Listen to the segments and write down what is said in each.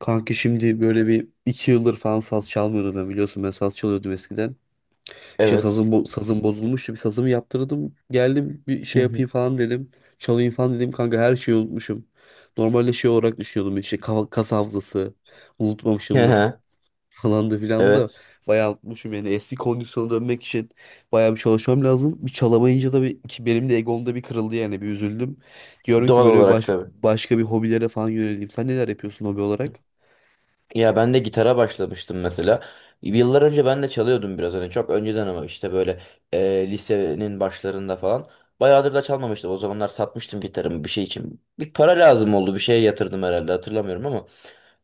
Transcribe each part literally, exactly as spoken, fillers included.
Kanki şimdi böyle bir iki yıldır falan saz çalmıyordum ben, biliyorsun, ben saz çalıyordum eskiden. İşte Evet. sazım, bo- sazım bozulmuştu, bir sazımı yaptırdım, geldim bir Hı şey hı. yapayım falan dedim. Çalayım falan dedim kanka, her şeyi unutmuşum. Normalde şey olarak düşünüyordum, işte kafa- kas hafızası Hı unutmamışımdır hı. falan da filan da, Evet. bayağı unutmuşum yani. Eski kondisyona dönmek için bayağı bir çalışmam lazım. Bir çalamayınca da bir, ki benim de egomda bir kırıldı yani, bir üzüldüm. Diyorum ki Doğal böyle bir olarak baş, tabii. başka bir hobilere falan yöneleyim. Sen neler yapıyorsun hobi olarak? Ya ben de gitara başlamıştım mesela. Yıllar önce ben de çalıyordum biraz hani çok önceden ama işte böyle e, lisenin başlarında falan. Bayağıdır da çalmamıştım. O zamanlar satmıştım gitarımı bir şey için. Bir para lazım oldu. Bir şeye yatırdım herhalde hatırlamıyorum ama.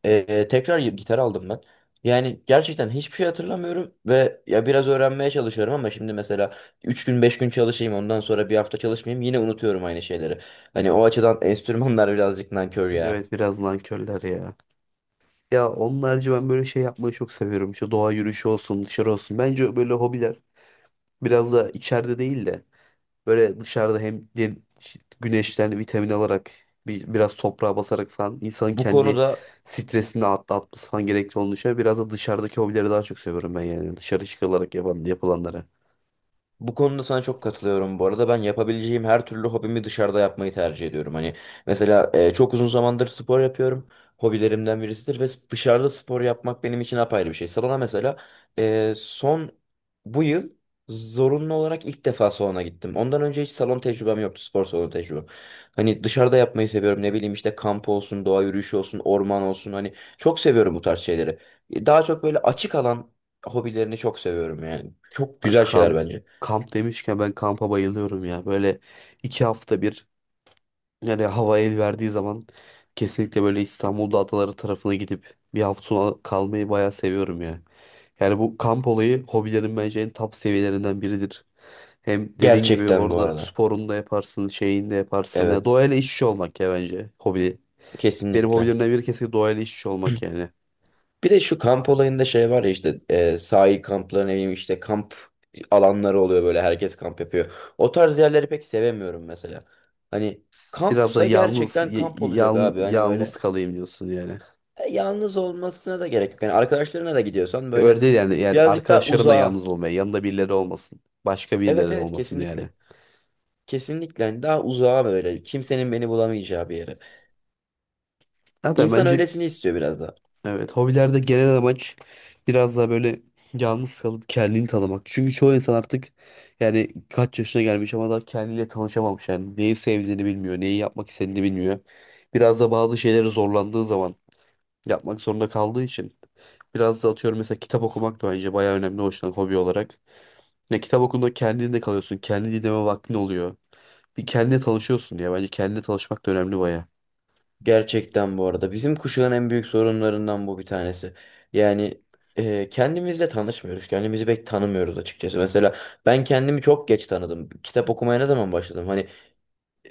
Ee, tekrar gitar aldım ben. Yani gerçekten hiçbir şey hatırlamıyorum ve ya biraz öğrenmeye çalışıyorum ama şimdi mesela üç gün beş gün çalışayım ondan sonra bir hafta çalışmayayım yine unutuyorum aynı şeyleri. Hani o açıdan enstrümanlar birazcık nankör ya. Evet, biraz nankörler ya. Ya onun harici ben böyle şey yapmayı çok seviyorum. İşte doğa yürüyüşü olsun, dışarı olsun. Bence böyle hobiler biraz da içeride değil de böyle dışarıda, hem de- işte güneşten vitamin alarak, bir, biraz toprağa basarak falan insanın Bu kendi konuda stresini atlatması falan gerekli olduğunu düşünüyorum. Biraz da dışarıdaki hobileri daha çok seviyorum ben yani. Dışarı çıkılarak yapan, yapılanlara. Bu konuda sana çok katılıyorum. Bu arada ben yapabileceğim her türlü hobimi dışarıda yapmayı tercih ediyorum. Hani mesela e, çok uzun zamandır spor yapıyorum. Hobilerimden birisidir ve dışarıda spor yapmak benim için apayrı bir şey. Salona mesela e, son bu yıl zorunlu olarak ilk defa salona gittim. Ondan önce hiç salon tecrübem yoktu, spor salonu tecrübem. Hani dışarıda yapmayı seviyorum. Ne bileyim işte kamp olsun, doğa yürüyüşü olsun, orman olsun. Hani çok seviyorum bu tarz şeyleri. E, Daha çok böyle açık alan hobilerini çok seviyorum yani. Çok Ben güzel şeyler kamp, bence. kamp demişken ben kampa bayılıyorum ya. Böyle iki hafta bir, yani hava el verdiği zaman kesinlikle böyle İstanbul'da adaları tarafına gidip bir hafta sonu kalmayı bayağı seviyorum ya. Yani bu kamp olayı hobilerin bence en top seviyelerinden biridir. Hem dediğin gibi Gerçekten bu orada arada. sporunu da yaparsın, şeyini de yaparsın. Ya Evet. doğayla iç içe olmak ya bence hobi. Benim Kesinlikle. hobilerimden biri kesinlikle doğayla iç içe olmak yani. Bir de şu kamp olayında şey var ya işte e, sahil kampları ne bileyim işte kamp alanları oluyor böyle herkes kamp yapıyor. O tarz yerleri pek sevemiyorum mesela. Hani Biraz da kampsa yalnız gerçekten y- kamp olacak yal- abi. Hani yalnız böyle kalayım diyorsun yani. e, yalnız olmasına da gerek yok. Yani arkadaşlarına da gidiyorsan böyle Öyle değil s- yani. Yani birazcık daha arkadaşlarınla uzağa. yalnız olmaya, yanında birileri olmasın. Başka Evet birileri evet olmasın yani. kesinlikle. Kesinlikle hani daha uzağa böyle kimsenin beni bulamayacağı bir yere. Zaten İnsan bence, öylesini istiyor biraz da. evet, hobilerde genel amaç biraz daha böyle yalnız kalıp kendini tanımak. Çünkü çoğu insan artık, yani kaç yaşına gelmiş ama daha kendiyle tanışamamış. Yani neyi sevdiğini bilmiyor, neyi yapmak istediğini bilmiyor. Biraz da bazı şeyleri zorlandığı zaman yapmak zorunda kaldığı için, biraz da atıyorum mesela kitap okumak da bence bayağı önemli hoşlan yüzden hobi olarak. Ya kitap okunduğunda kendinde kalıyorsun, kendi dinleme vaktin oluyor. Bir kendine tanışıyorsun ya, bence kendine tanışmak da önemli bayağı. Gerçekten bu arada bizim kuşağın en büyük sorunlarından bu bir tanesi. Yani e, kendimizle tanışmıyoruz. Kendimizi pek tanımıyoruz açıkçası. Mesela ben kendimi çok geç tanıdım. Kitap okumaya ne zaman başladım? Hani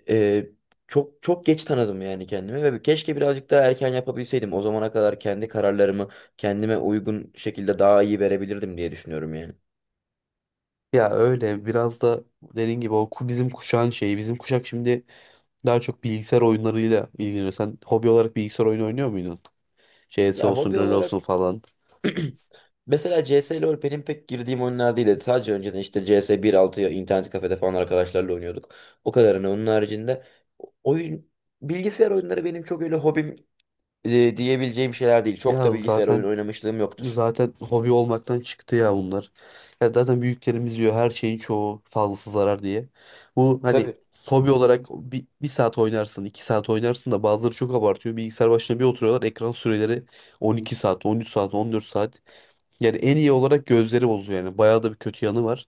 e, çok çok geç tanıdım yani kendimi ve keşke birazcık daha erken yapabilseydim. O zamana kadar kendi kararlarımı kendime uygun şekilde daha iyi verebilirdim diye düşünüyorum yani. Ya öyle, biraz da dediğin gibi o ku- bizim kuşağın şeyi, bizim kuşak şimdi daha çok bilgisayar oyunlarıyla ilgileniyorsun. Sen hobi olarak bilgisayar oyunu oynuyor muydun? C S Ya olsun, hobi LoL olarak olsun falan. Mesela C S LoL benim pek girdiğim oyunlar değildi. Sadece önceden işte C S bir nokta altıya internet kafede falan arkadaşlarla oynuyorduk. O kadarını. Onun haricinde oyun bilgisayar oyunları benim çok öyle hobim e, diyebileceğim şeyler değil. Çok Ya da bilgisayar oyun zaten oynamışlığım yoktur. zaten hobi olmaktan çıktı ya bunlar. Ya zaten büyüklerimiz diyor her şeyin çoğu fazlası zarar diye. Bu hani Tabii. hobi olarak bir, bir saat oynarsın, iki saat oynarsın da bazıları çok abartıyor. Bilgisayar başına bir oturuyorlar. Ekran süreleri 12 saat, 13 saat, 14 saat. Yani en iyi olarak gözleri bozuyor yani. Bayağı da bir kötü yanı var.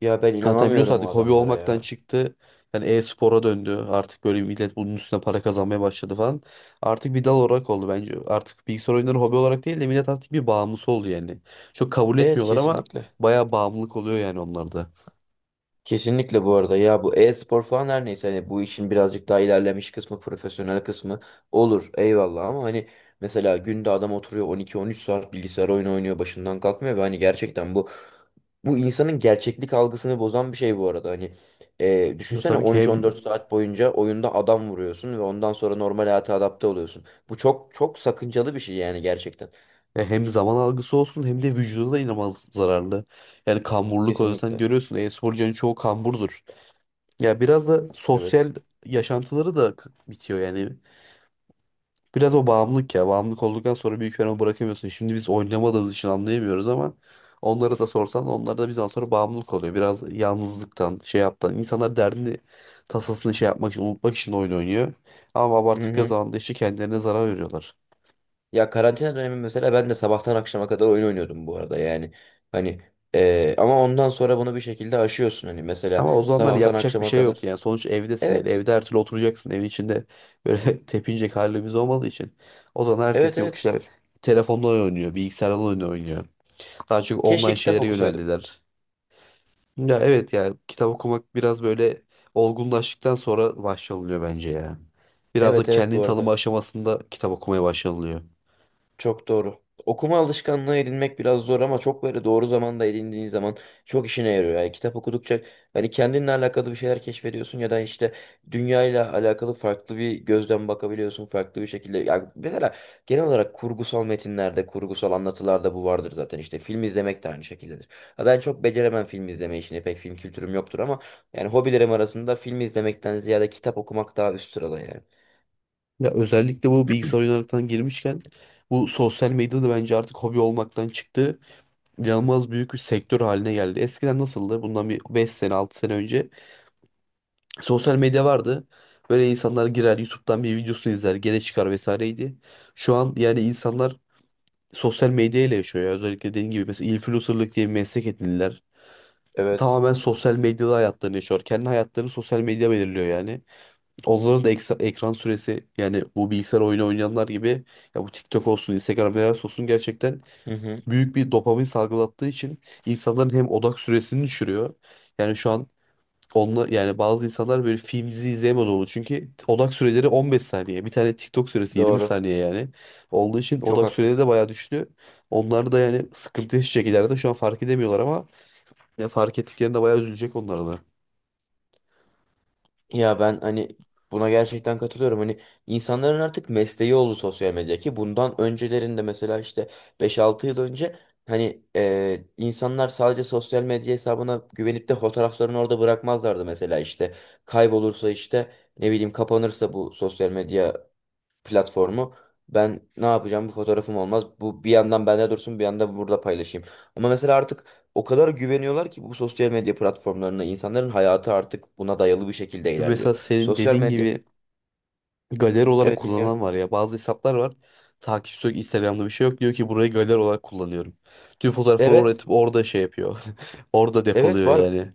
Ya ben Hatta biliyorsun inanamıyorum o artık hobi adamlara olmaktan ya. çıktı. Yani e-spora döndü. Artık böyle millet bunun üstüne para kazanmaya başladı falan. Artık bir dal olarak oldu bence. Artık bilgisayar oyunları hobi olarak değil de millet artık bir bağımlısı oldu yani. Çok kabul Evet etmiyorlar ama kesinlikle. bayağı bağımlılık oluyor yani onlarda. Kesinlikle bu arada ya bu e-spor falan her neyse hani bu işin birazcık daha ilerlemiş kısmı profesyonel kısmı olur eyvallah ama hani mesela günde adam oturuyor on iki on üç saat bilgisayar oyunu oynuyor başından kalkmıyor ve hani gerçekten bu bu insanın gerçeklik algısını bozan bir şey bu arada hani e, Bu düşünsene tabii ki hem on üç on dört saat boyunca oyunda adam vuruyorsun ve ondan sonra normal hayata adapte oluyorsun bu çok çok sakıncalı bir şey yani gerçekten e, hem zaman algısı olsun, hem de vücuda da inanılmaz zararlı. Yani kamburluk oluyor. Sen kesinlikle görüyorsun, e-sporcuların çoğu kamburdur. Ya biraz da sosyal evet. yaşantıları da k- bitiyor yani. Biraz o bağımlılık ya. Bağımlılık olduktan sonra büyük ihtimalle bırakamıyorsun. Şimdi biz oynamadığımız için anlayamıyoruz ama onlara da sorsan onlar da bizden sonra bağımlılık oluyor. Biraz yalnızlıktan, şey yaptan. İnsanlar derdini, tasasını şey yapmak için, unutmak için oyun oynuyor. Ama abarttıkları Mhm. zaman da işte kendilerine zarar veriyorlar. Ya karantina dönemi mesela ben de sabahtan akşama kadar oyun oynuyordum bu arada yani. Hani eee, ama ondan sonra bunu bir şekilde aşıyorsun hani mesela Ama o zamanlar sabahtan yapacak bir akşama şey yok kadar. yani. Sonuç evdesin yani. Evet. Evde her türlü oturacaksın. Evin içinde böyle tepinecek halimiz olmadığı için. O zaman herkes Evet yok evet. işte telefonla oynuyor, bilgisayarla oynuyor. Daha çok Keşke online kitap şeylere okusaydım. yöneldiler. Ya evet, ya kitap okumak biraz böyle olgunlaştıktan sonra başlanılıyor bence ya. Biraz da Evet evet kendini bu arada. tanıma aşamasında kitap okumaya başlanılıyor. Çok doğru. Okuma alışkanlığı edinmek biraz zor ama çok böyle doğru zamanda edindiğin zaman çok işine yarıyor. Yani kitap okudukça hani kendinle alakalı bir şeyler keşfediyorsun ya da işte dünyayla alakalı farklı bir gözden bakabiliyorsun farklı bir şekilde. Yani mesela genel olarak kurgusal metinlerde, kurgusal anlatılarda bu vardır zaten. İşte film izlemek de aynı şekildedir. Ha, ben çok beceremem film izleme işini. Pek film kültürüm yoktur ama yani hobilerim arasında film izlemekten ziyade kitap okumak daha üst sırada yani. Ya özellikle bu bilgisayar oyunlarından girmişken bu sosyal medya da bence artık hobi olmaktan çıktı. İnanılmaz büyük bir sektör haline geldi. Eskiden nasıldı? Bundan bir beş sene altı sene önce sosyal medya vardı. Böyle insanlar girer, YouTube'dan bir videosunu izler, gene çıkar vesaireydi. Şu an yani insanlar sosyal medya ile yaşıyor ya. Özellikle dediğim gibi mesela influencerlık diye bir meslek edindiler. Evet. Tamamen sosyal medyada hayatlarını yaşıyor. Kendi hayatlarını sosyal medya belirliyor yani. Onların da eksa- ekran süresi yani, bu bilgisayar oyunu oynayanlar gibi ya, bu TikTok olsun, Instagram Reels olsun gerçekten Hı hı, büyük bir dopamin salgılattığı için insanların hem odak süresini düşürüyor. Yani şu an onunla, yani bazı insanlar böyle film dizi izleyemez oldu. Çünkü odak süreleri on beş saniye. Bir tane TikTok süresi yirmi doğru. saniye yani. Olduğu için Çok odak süreleri haklısın. de bayağı düştü. Onlar da yani sıkıntı yaşayacak ileride. Şu an fark edemiyorlar ama ya fark ettiklerinde bayağı üzülecek onlara da. Ya ben hani buna gerçekten katılıyorum. Hani insanların artık mesleği oldu sosyal medya ki bundan öncelerinde mesela işte beş altı yıl önce hani e, insanlar sadece sosyal medya hesabına güvenip de fotoğraflarını orada bırakmazlardı mesela işte kaybolursa işte ne bileyim kapanırsa bu sosyal medya platformu. Ben ne yapacağım? Bu fotoğrafım olmaz. Bu bir yandan bende dursun, bir yandan burada paylaşayım. Ama mesela artık o kadar güveniyorlar ki bu sosyal medya platformlarına insanların hayatı artık buna dayalı bir şekilde ilerliyor. Mesela senin Sosyal dediğin medya. gibi, galeri olarak Evet dinliyorum. kullanan var ya. Bazı hesaplar var. Takipçisi yok, Instagram'da bir şey yok. Diyor ki burayı galeri olarak kullanıyorum. Tüm fotoğrafları oraya Evet. atıp orada şey yapıyor. Orada Evet depoluyor var. yani.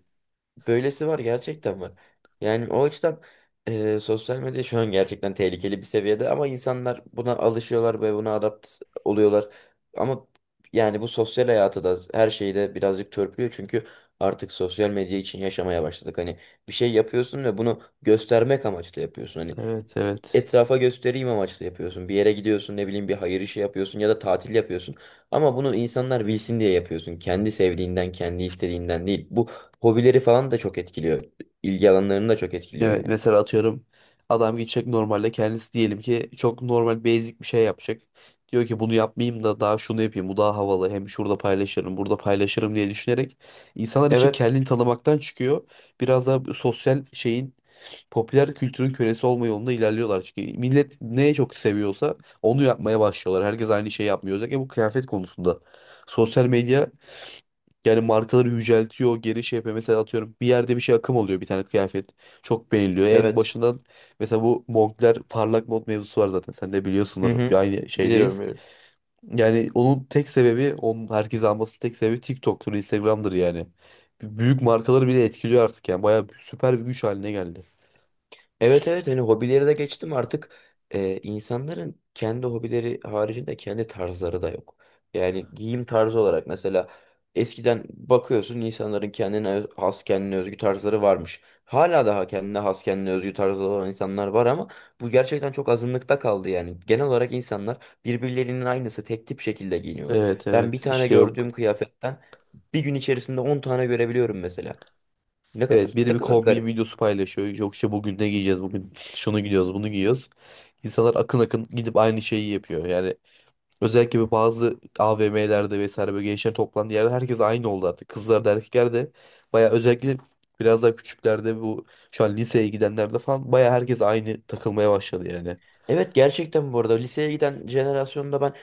Böylesi var gerçekten var. Yani o açıdan e, sosyal medya şu an gerçekten tehlikeli bir seviyede ama insanlar buna alışıyorlar ve buna adapt oluyorlar. Ama yani bu sosyal hayatı da her şeyi de birazcık törpülüyor çünkü artık sosyal medya için yaşamaya başladık. Hani bir şey yapıyorsun ve bunu göstermek amaçlı yapıyorsun. Hani Evet, evet. etrafa göstereyim amaçlı yapıyorsun. Bir yere gidiyorsun, ne bileyim bir hayır işi yapıyorsun ya da tatil yapıyorsun. Ama bunu insanlar bilsin diye yapıyorsun. Kendi sevdiğinden, kendi istediğinden değil. Bu hobileri falan da çok etkiliyor. İlgi alanlarını da çok etkiliyor Evet, yani. mesela atıyorum adam gidecek, normalde kendisi diyelim ki çok normal basic bir şey yapacak. Diyor ki bunu yapmayayım da daha şunu yapayım, bu daha havalı, hem şurada paylaşırım burada paylaşırım diye düşünerek insanlar için Evet, kendini tanımaktan çıkıyor. Biraz daha sosyal şeyin, popüler kültürün kölesi olma yolunda ilerliyorlar. Çünkü millet neye çok seviyorsa onu yapmaya başlıyorlar. Herkes aynı şeyi yapmıyor. Özellikle bu kıyafet konusunda. Sosyal medya yani markaları yüceltiyor, geri şey yapıyor. Mesela atıyorum bir yerde bir şey akım oluyor, bir tane kıyafet. Çok beğeniliyor. En evet. başından mesela bu Moncler parlak mod mevzusu var zaten. Sen de Hı biliyorsundur. Bir hı. aynı Biliyorum, şeydeyiz. biliyorum. Yani onun tek sebebi, onun herkes alması tek sebebi TikTok'tur, Instagram'dır yani. Büyük markaları bile etkiliyor artık yani. Bayağı süper bir güç haline geldi. Evet evet hani hobileri de geçtim artık e, insanların kendi hobileri haricinde kendi tarzları da yok. Yani giyim tarzı olarak mesela eskiden bakıyorsun insanların kendine öz- has kendine özgü tarzları varmış. Hala daha kendine has kendine özgü tarzları olan insanlar var ama bu gerçekten çok azınlıkta kaldı yani. Genel olarak insanlar birbirlerinin aynısı tek tip şekilde giyiniyorlar. Evet Ben bir evet tane işte, yok. gördüğüm kıyafetten bir gün içerisinde on tane görebiliyorum mesela. Ne kadar Evet, biri ne bir kadar kombin garip. videosu paylaşıyor. Yok işte bugün ne giyeceğiz, bugün şunu giyiyoruz, bunu giyiyoruz. İnsanlar akın akın gidip aynı şeyi yapıyor. Yani özellikle bir bazı A V M'lerde vesaire, böyle gençler toplandığı yerde herkes aynı oldu artık. Kızlar da erkekler de baya, özellikle biraz daha küçüklerde, bu şu an liseye gidenlerde falan, baya herkes aynı takılmaya başladı yani. Evet gerçekten bu arada liseye giden jenerasyonda ben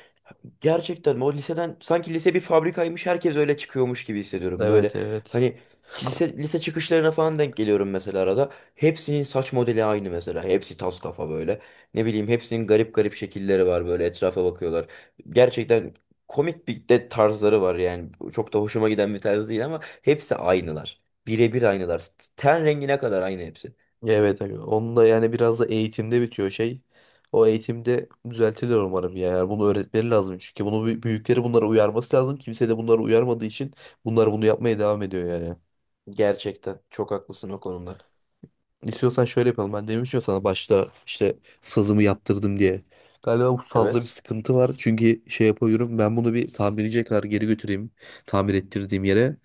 gerçekten o liseden sanki lise bir fabrikaymış herkes öyle çıkıyormuş gibi hissediyorum. Böyle Evet evet. hani lise lise çıkışlarına falan denk geliyorum mesela arada. Hepsinin saç modeli aynı mesela. Hepsi tas kafa böyle. Ne bileyim hepsinin garip garip şekilleri var böyle etrafa bakıyorlar. Gerçekten komik bir de tarzları var yani. Çok da hoşuma giden bir tarz değil ama hepsi aynılar. Birebir aynılar. Ten rengine kadar aynı hepsi. Evet abi. Onun da yani biraz da eğitimde bitiyor şey. O eğitimde düzeltilir umarım ya. Yani bunu öğretmeleri lazım, çünkü bunu büy- büyükleri bunlara uyarması lazım. Kimse de bunları uyarmadığı için bunlar bunu yapmaya devam ediyor yani. Gerçekten çok haklısın o konuda. İstiyorsan şöyle yapalım. Ben demiştim ya sana başta, işte sazımı yaptırdım diye. Galiba bu sazda bir Evet. sıkıntı var. Çünkü şey yapıyorum. Ben bunu bir tamirciye kadar geri götüreyim. Tamir ettirdiğim yere.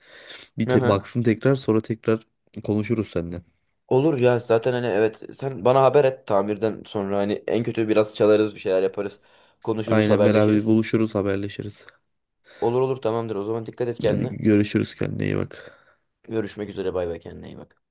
Bir Hı te- hı. baksın, tekrar sonra tekrar konuşuruz seninle. Olur ya zaten hani evet sen bana haber et tamirden sonra hani en kötü biraz çalarız bir şeyler yaparız. Konuşuruz Aynen, beraber haberleşiriz. buluşuruz, haberleşiriz. Olur olur tamamdır o zaman dikkat et Hadi kendine. görüşürüz, kendine iyi bak. Görüşmek üzere bay bay kendine iyi bak.